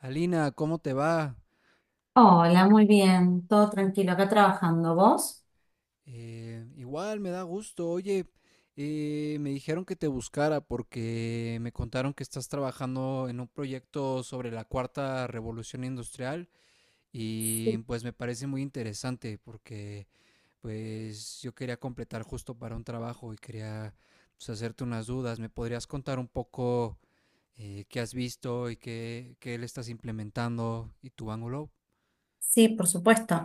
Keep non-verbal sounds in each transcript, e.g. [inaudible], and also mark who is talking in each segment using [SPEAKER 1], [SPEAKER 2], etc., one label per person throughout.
[SPEAKER 1] Alina, ¿cómo te va?
[SPEAKER 2] Hola, muy bien, todo tranquilo, acá trabajando. ¿Vos?
[SPEAKER 1] Igual me da gusto. Oye, me dijeron que te buscara porque me contaron que estás trabajando en un proyecto sobre la cuarta revolución industrial y pues me parece muy interesante porque pues yo quería completar justo para un trabajo y quería, pues, hacerte unas dudas. ¿Me podrías contar un poco qué has visto y qué le estás implementando y tu ángulo?
[SPEAKER 2] Sí, por supuesto.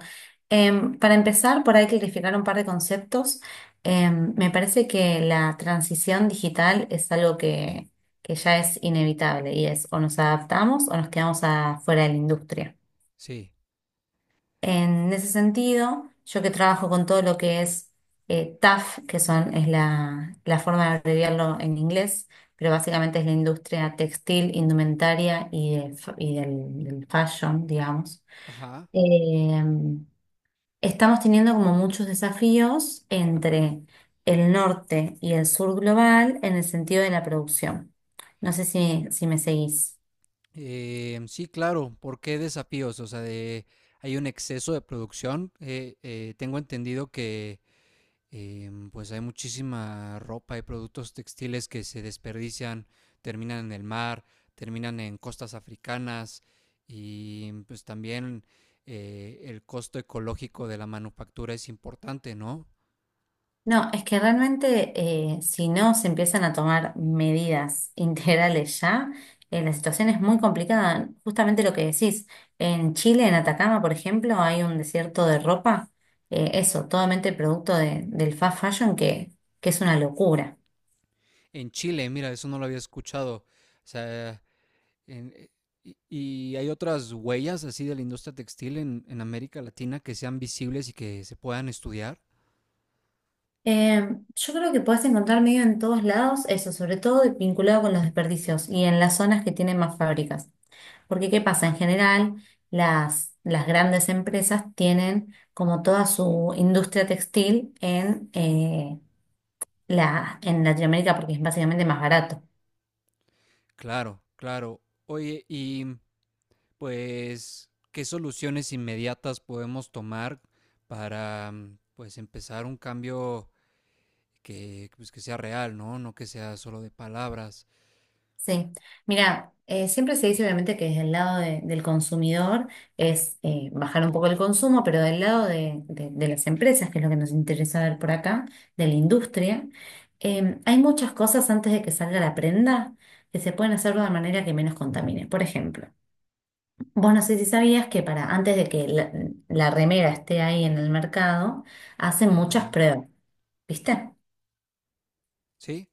[SPEAKER 2] Para empezar, por ahí clarificar un par de conceptos. Me parece que la transición digital es algo que ya es inevitable y es o nos adaptamos o nos quedamos afuera de la industria.
[SPEAKER 1] Sí.
[SPEAKER 2] En ese sentido, yo que trabajo con todo lo que es TAF, es la forma de abreviarlo en inglés, pero básicamente es la industria textil, indumentaria y, y del fashion, digamos.
[SPEAKER 1] Ajá.
[SPEAKER 2] Eh, Estamos teniendo como muchos desafíos entre el norte y el sur global en el sentido de la producción. No sé si me seguís.
[SPEAKER 1] Sí, claro. ¿Por qué desafíos? O sea, de, hay un exceso de producción. Tengo entendido que pues hay muchísima ropa y productos textiles que se desperdician, terminan en el mar, terminan en costas africanas y pues también, el costo ecológico de la manufactura es importante, ¿no?
[SPEAKER 2] No, es que realmente si no se empiezan a tomar medidas [laughs] integrales ya, la situación es muy complicada. Justamente lo que decís, en Chile, en Atacama, por ejemplo, hay un desierto de ropa, eso, totalmente del fast fashion que es una locura.
[SPEAKER 1] En Chile, mira, eso no lo había escuchado. O sea, En- eh, y hay otras huellas así de la industria textil en América Latina que sean visibles y que se puedan estudiar.
[SPEAKER 2] Eh, yo creo que podés encontrar medio en todos lados, eso, sobre todo vinculado con los desperdicios y en las zonas que tienen más fábricas. Porque ¿qué pasa? En general, las grandes empresas tienen como toda su industria textil en, en Latinoamérica porque es básicamente más barato.
[SPEAKER 1] Claro, claro. Oye, y pues, ¿qué soluciones inmediatas podemos tomar para, pues, empezar un cambio que, pues, que sea real? ¿No? No que sea solo de palabras.
[SPEAKER 2] Sí. Mira, siempre se dice obviamente que desde el del consumidor es bajar un poco el consumo, pero del lado de las empresas, que es lo que nos interesa ver por acá, de la industria, hay muchas cosas antes de que salga la prenda que se pueden hacer de una manera que menos contamine. Por ejemplo. Vos no sé si sabías que para antes de que la remera esté ahí en el mercado, hacen muchas
[SPEAKER 1] Ajá.
[SPEAKER 2] pruebas, ¿viste?
[SPEAKER 1] Sí,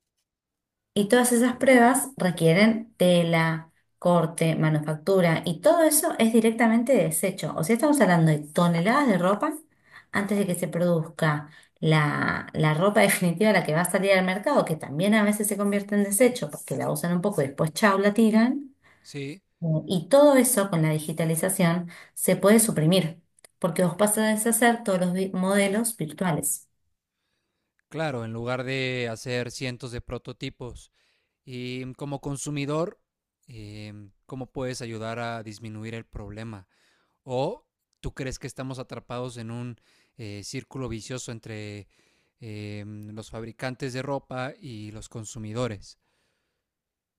[SPEAKER 2] Y todas esas pruebas requieren tela, corte, manufactura, y todo eso es directamente desecho. O sea, estamos hablando de toneladas de ropa antes de que se produzca la ropa [laughs] definitiva, la que va a salir al mercado, que también a veces se convierte en desecho porque la usan un poco y después chau, la tiran.
[SPEAKER 1] sí.
[SPEAKER 2] Y todo eso con la digitalización se puede suprimir, porque vos pasás a hacer todos los modelos virtuales.
[SPEAKER 1] Claro, en lugar de hacer cientos de prototipos. Y, como consumidor, ¿cómo puedes ayudar a disminuir el problema? ¿O tú crees que estamos atrapados en un círculo vicioso entre los fabricantes de ropa y los consumidores?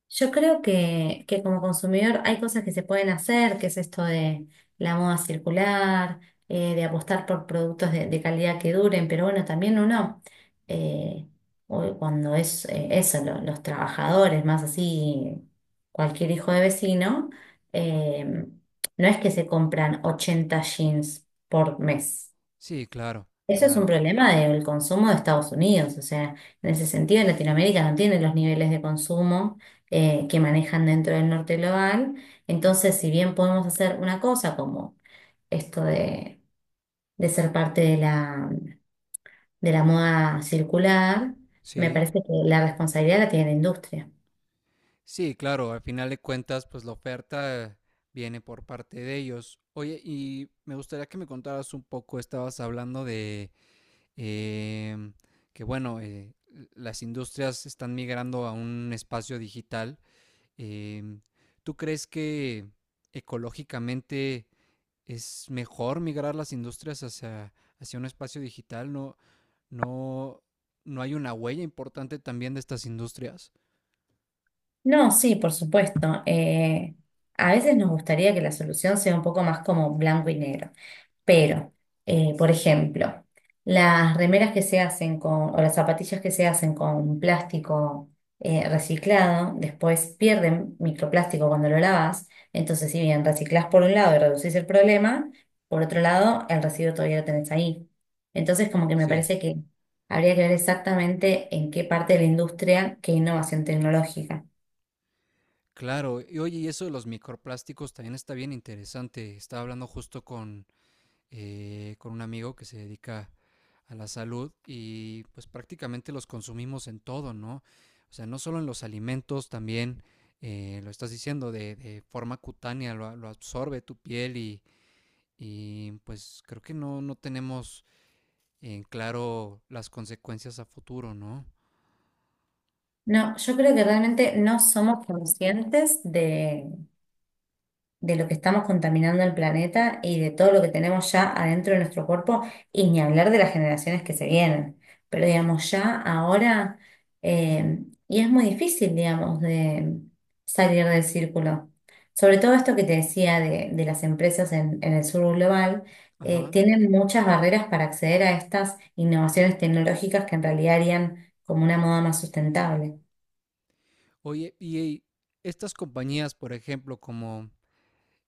[SPEAKER 2] Yo creo que como consumidor hay cosas que se pueden hacer, que es esto de la moda circular, de apostar por productos de calidad que duren, pero bueno, también uno, eh, cuando es eso, los trabajadores, más así, cualquier hijo de vecino, eh, no es que se compran 80 jeans por mes.
[SPEAKER 1] Sí, claro,
[SPEAKER 2] Eso es un
[SPEAKER 1] claro.
[SPEAKER 2] problema del consumo de Estados Unidos, o sea, en ese sentido Latinoamérica no tiene los niveles de consumo que manejan dentro del norte global, entonces si bien podemos hacer una cosa como esto de ser parte de de la moda circular, me
[SPEAKER 1] Sí,
[SPEAKER 2] parece que la responsabilidad la tiene la industria.
[SPEAKER 1] sí, claro. Al final de cuentas, pues la oferta viene por parte de ellos. Oye, y me gustaría que me contaras un poco, estabas hablando de eh, que bueno, las industrias están migrando a un espacio digital. eh, ¿Tú crees que ecológicamente es mejor migrar las industrias hacia, hacia un espacio digital? ¿No, no, no hay una huella importante también de estas industrias?
[SPEAKER 2] No, sí, por supuesto. A veces nos gustaría que la solución sea un poco más como blanco y negro. Pero, por ejemplo, las remeras que se hacen con, o las zapatillas que se hacen con plástico reciclado, después pierden microplástico cuando lo lavas. Entonces, si bien reciclás por un lado y reducís el problema, por otro lado, el residuo todavía lo tenés ahí. Entonces, como que me
[SPEAKER 1] Sí.
[SPEAKER 2] parece que habría que ver exactamente en qué parte de la industria qué innovación tecnológica.
[SPEAKER 1] Claro, y oye, y eso de los microplásticos también está bien interesante. Estaba hablando justo con un amigo que se dedica a la salud y pues prácticamente los consumimos en todo, ¿no? O sea, no solo en los alimentos, también lo estás diciendo de forma cutánea, lo absorbe tu piel y pues creo que no, no tenemos en claro las consecuencias a futuro, ¿no?
[SPEAKER 2] No, yo creo que realmente no somos conscientes de lo que estamos contaminando el planeta y de todo lo que tenemos ya adentro de nuestro cuerpo, y ni hablar de las generaciones que se vienen. Pero digamos, ya ahora, eh, y es muy difícil, digamos, de salir del círculo. Sobre todo esto que te decía de las empresas en el sur global,
[SPEAKER 1] Ajá.
[SPEAKER 2] tienen muchas barreras para acceder a estas innovaciones tecnológicas que en realidad harían como una moda más sustentable.
[SPEAKER 1] Oye, y estas compañías, por ejemplo, como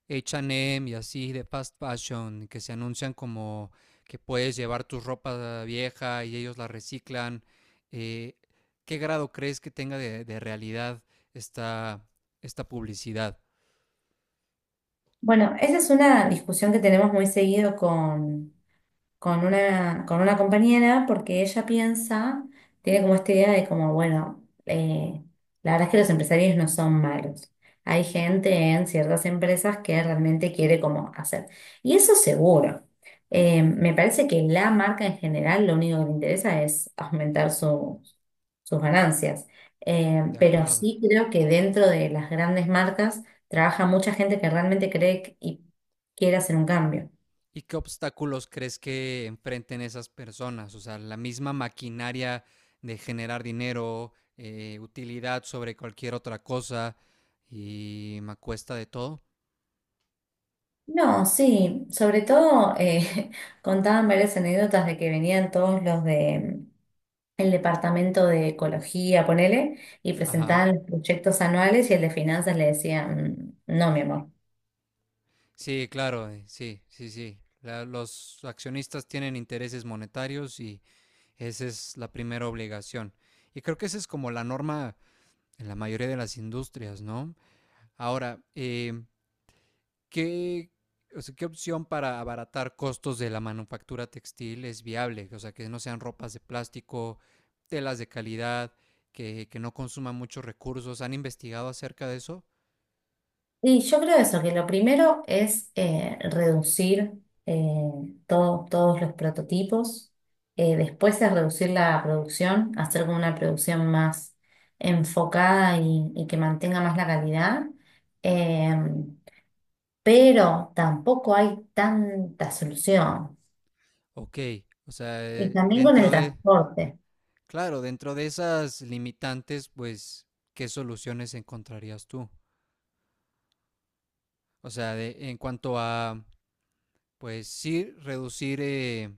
[SPEAKER 1] H&M y así de fast fashion, que se anuncian como que puedes llevar tu ropa vieja y ellos la reciclan. eh, ¿Qué grado crees que tenga de realidad esta, esta publicidad?
[SPEAKER 2] Bueno, esa es una discusión que tenemos muy seguido con con una compañera porque ella piensa, tiene como esta idea de como, bueno, la verdad es que los empresarios no son malos. Hay gente en ciertas empresas que realmente quiere como hacer. Y eso seguro. Me parece que la marca en general lo único que le interesa es aumentar sus ganancias.
[SPEAKER 1] De
[SPEAKER 2] Pero
[SPEAKER 1] acuerdo.
[SPEAKER 2] sí creo que dentro de las grandes marcas trabaja mucha gente que realmente cree y quiere hacer un cambio.
[SPEAKER 1] ¿Y qué obstáculos crees que enfrenten esas personas? O sea, la misma maquinaria de generar dinero, utilidad sobre cualquier otra cosa y me cuesta de todo.
[SPEAKER 2] No, sí, sobre todo [laughs] contaban varias anécdotas de que venían todos los de el departamento de ecología, ponele, y
[SPEAKER 1] Ajá.
[SPEAKER 2] presentaban los proyectos anuales y el de finanzas le decía, "Mm, no, mi amor.
[SPEAKER 1] Sí, claro, sí, sí, sí. Los accionistas tienen intereses monetarios y esa es la primera obligación. Y creo que esa es como la norma en la mayoría de las industrias, ¿no? Ahora, ¿qué, o sea, qué opción para abaratar costos de la manufactura textil es viable? O sea, que no sean ropas de plástico, telas de calidad, que no consuman muchos recursos. ¿Han investigado acerca de eso?
[SPEAKER 2] Y yo creo eso, que lo primero es reducir eh, todos los prototipos, después es reducir la producción, hacer como una producción más enfocada y que mantenga más la calidad. em, pero tampoco hay tanta solución.
[SPEAKER 1] Ok, o sea,
[SPEAKER 2] Y también con el
[SPEAKER 1] dentro de...
[SPEAKER 2] transporte.
[SPEAKER 1] Claro, dentro de esas limitantes, pues, ¿qué soluciones encontrarías tú? O sea, en cuanto a, pues sí, reducir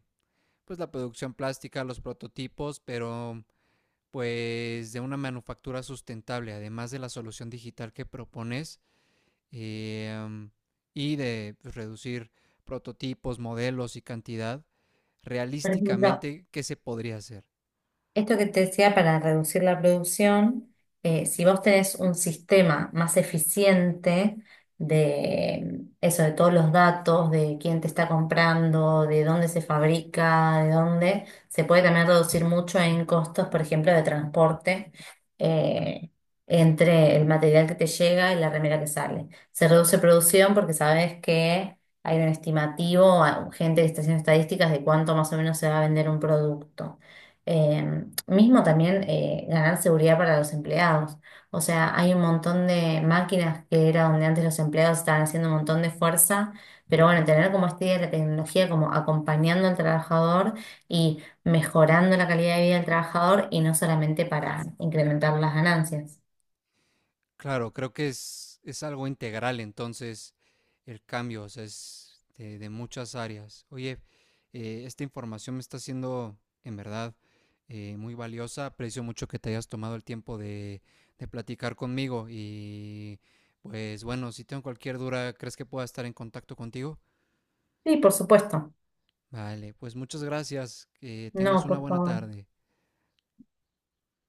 [SPEAKER 1] pues la producción plástica, los prototipos, pero pues de una manufactura sustentable, además de la solución digital que propones, eh, am, y de, pues, reducir prototipos, modelos y cantidad,
[SPEAKER 2] Por ejemplo,
[SPEAKER 1] realísticamente, ¿qué se podría hacer?
[SPEAKER 2] esto que te decía para reducir la producción, si vos tenés un sistema más eficiente de eso, de todos los datos, de quién te está comprando, de dónde se fabrica, de dónde, se puede también reducir mucho en costos, por ejemplo, de transporte,
[SPEAKER 1] Ujú.
[SPEAKER 2] eh, entre el material que te llega y la remera que sale. Se reduce producción porque sabes que hay un estimativo, gente que está haciendo estadísticas de cuánto más o menos se va a vender un producto. Em, Mismo también ganar seguridad para los empleados. O sea, hay un montón de máquinas que era donde antes los empleados estaban haciendo un montón de fuerza, pero bueno, tener como este idea la tecnología como acompañando al trabajador y mejorando la calidad de vida del trabajador y no solamente para incrementar las ganancias.
[SPEAKER 1] Claro, creo que es algo integral entonces el cambio, o sea, es de muchas áreas. Oye, esta información me está siendo en verdad muy valiosa. Aprecio mucho que te hayas tomado el tiempo de platicar conmigo y pues bueno, si tengo cualquier duda, ¿crees que pueda estar en contacto contigo?
[SPEAKER 2] Sí, por supuesto.
[SPEAKER 1] Vale, pues muchas gracias. Que tengas
[SPEAKER 2] No,
[SPEAKER 1] una
[SPEAKER 2] por
[SPEAKER 1] buena
[SPEAKER 2] favor.
[SPEAKER 1] tarde.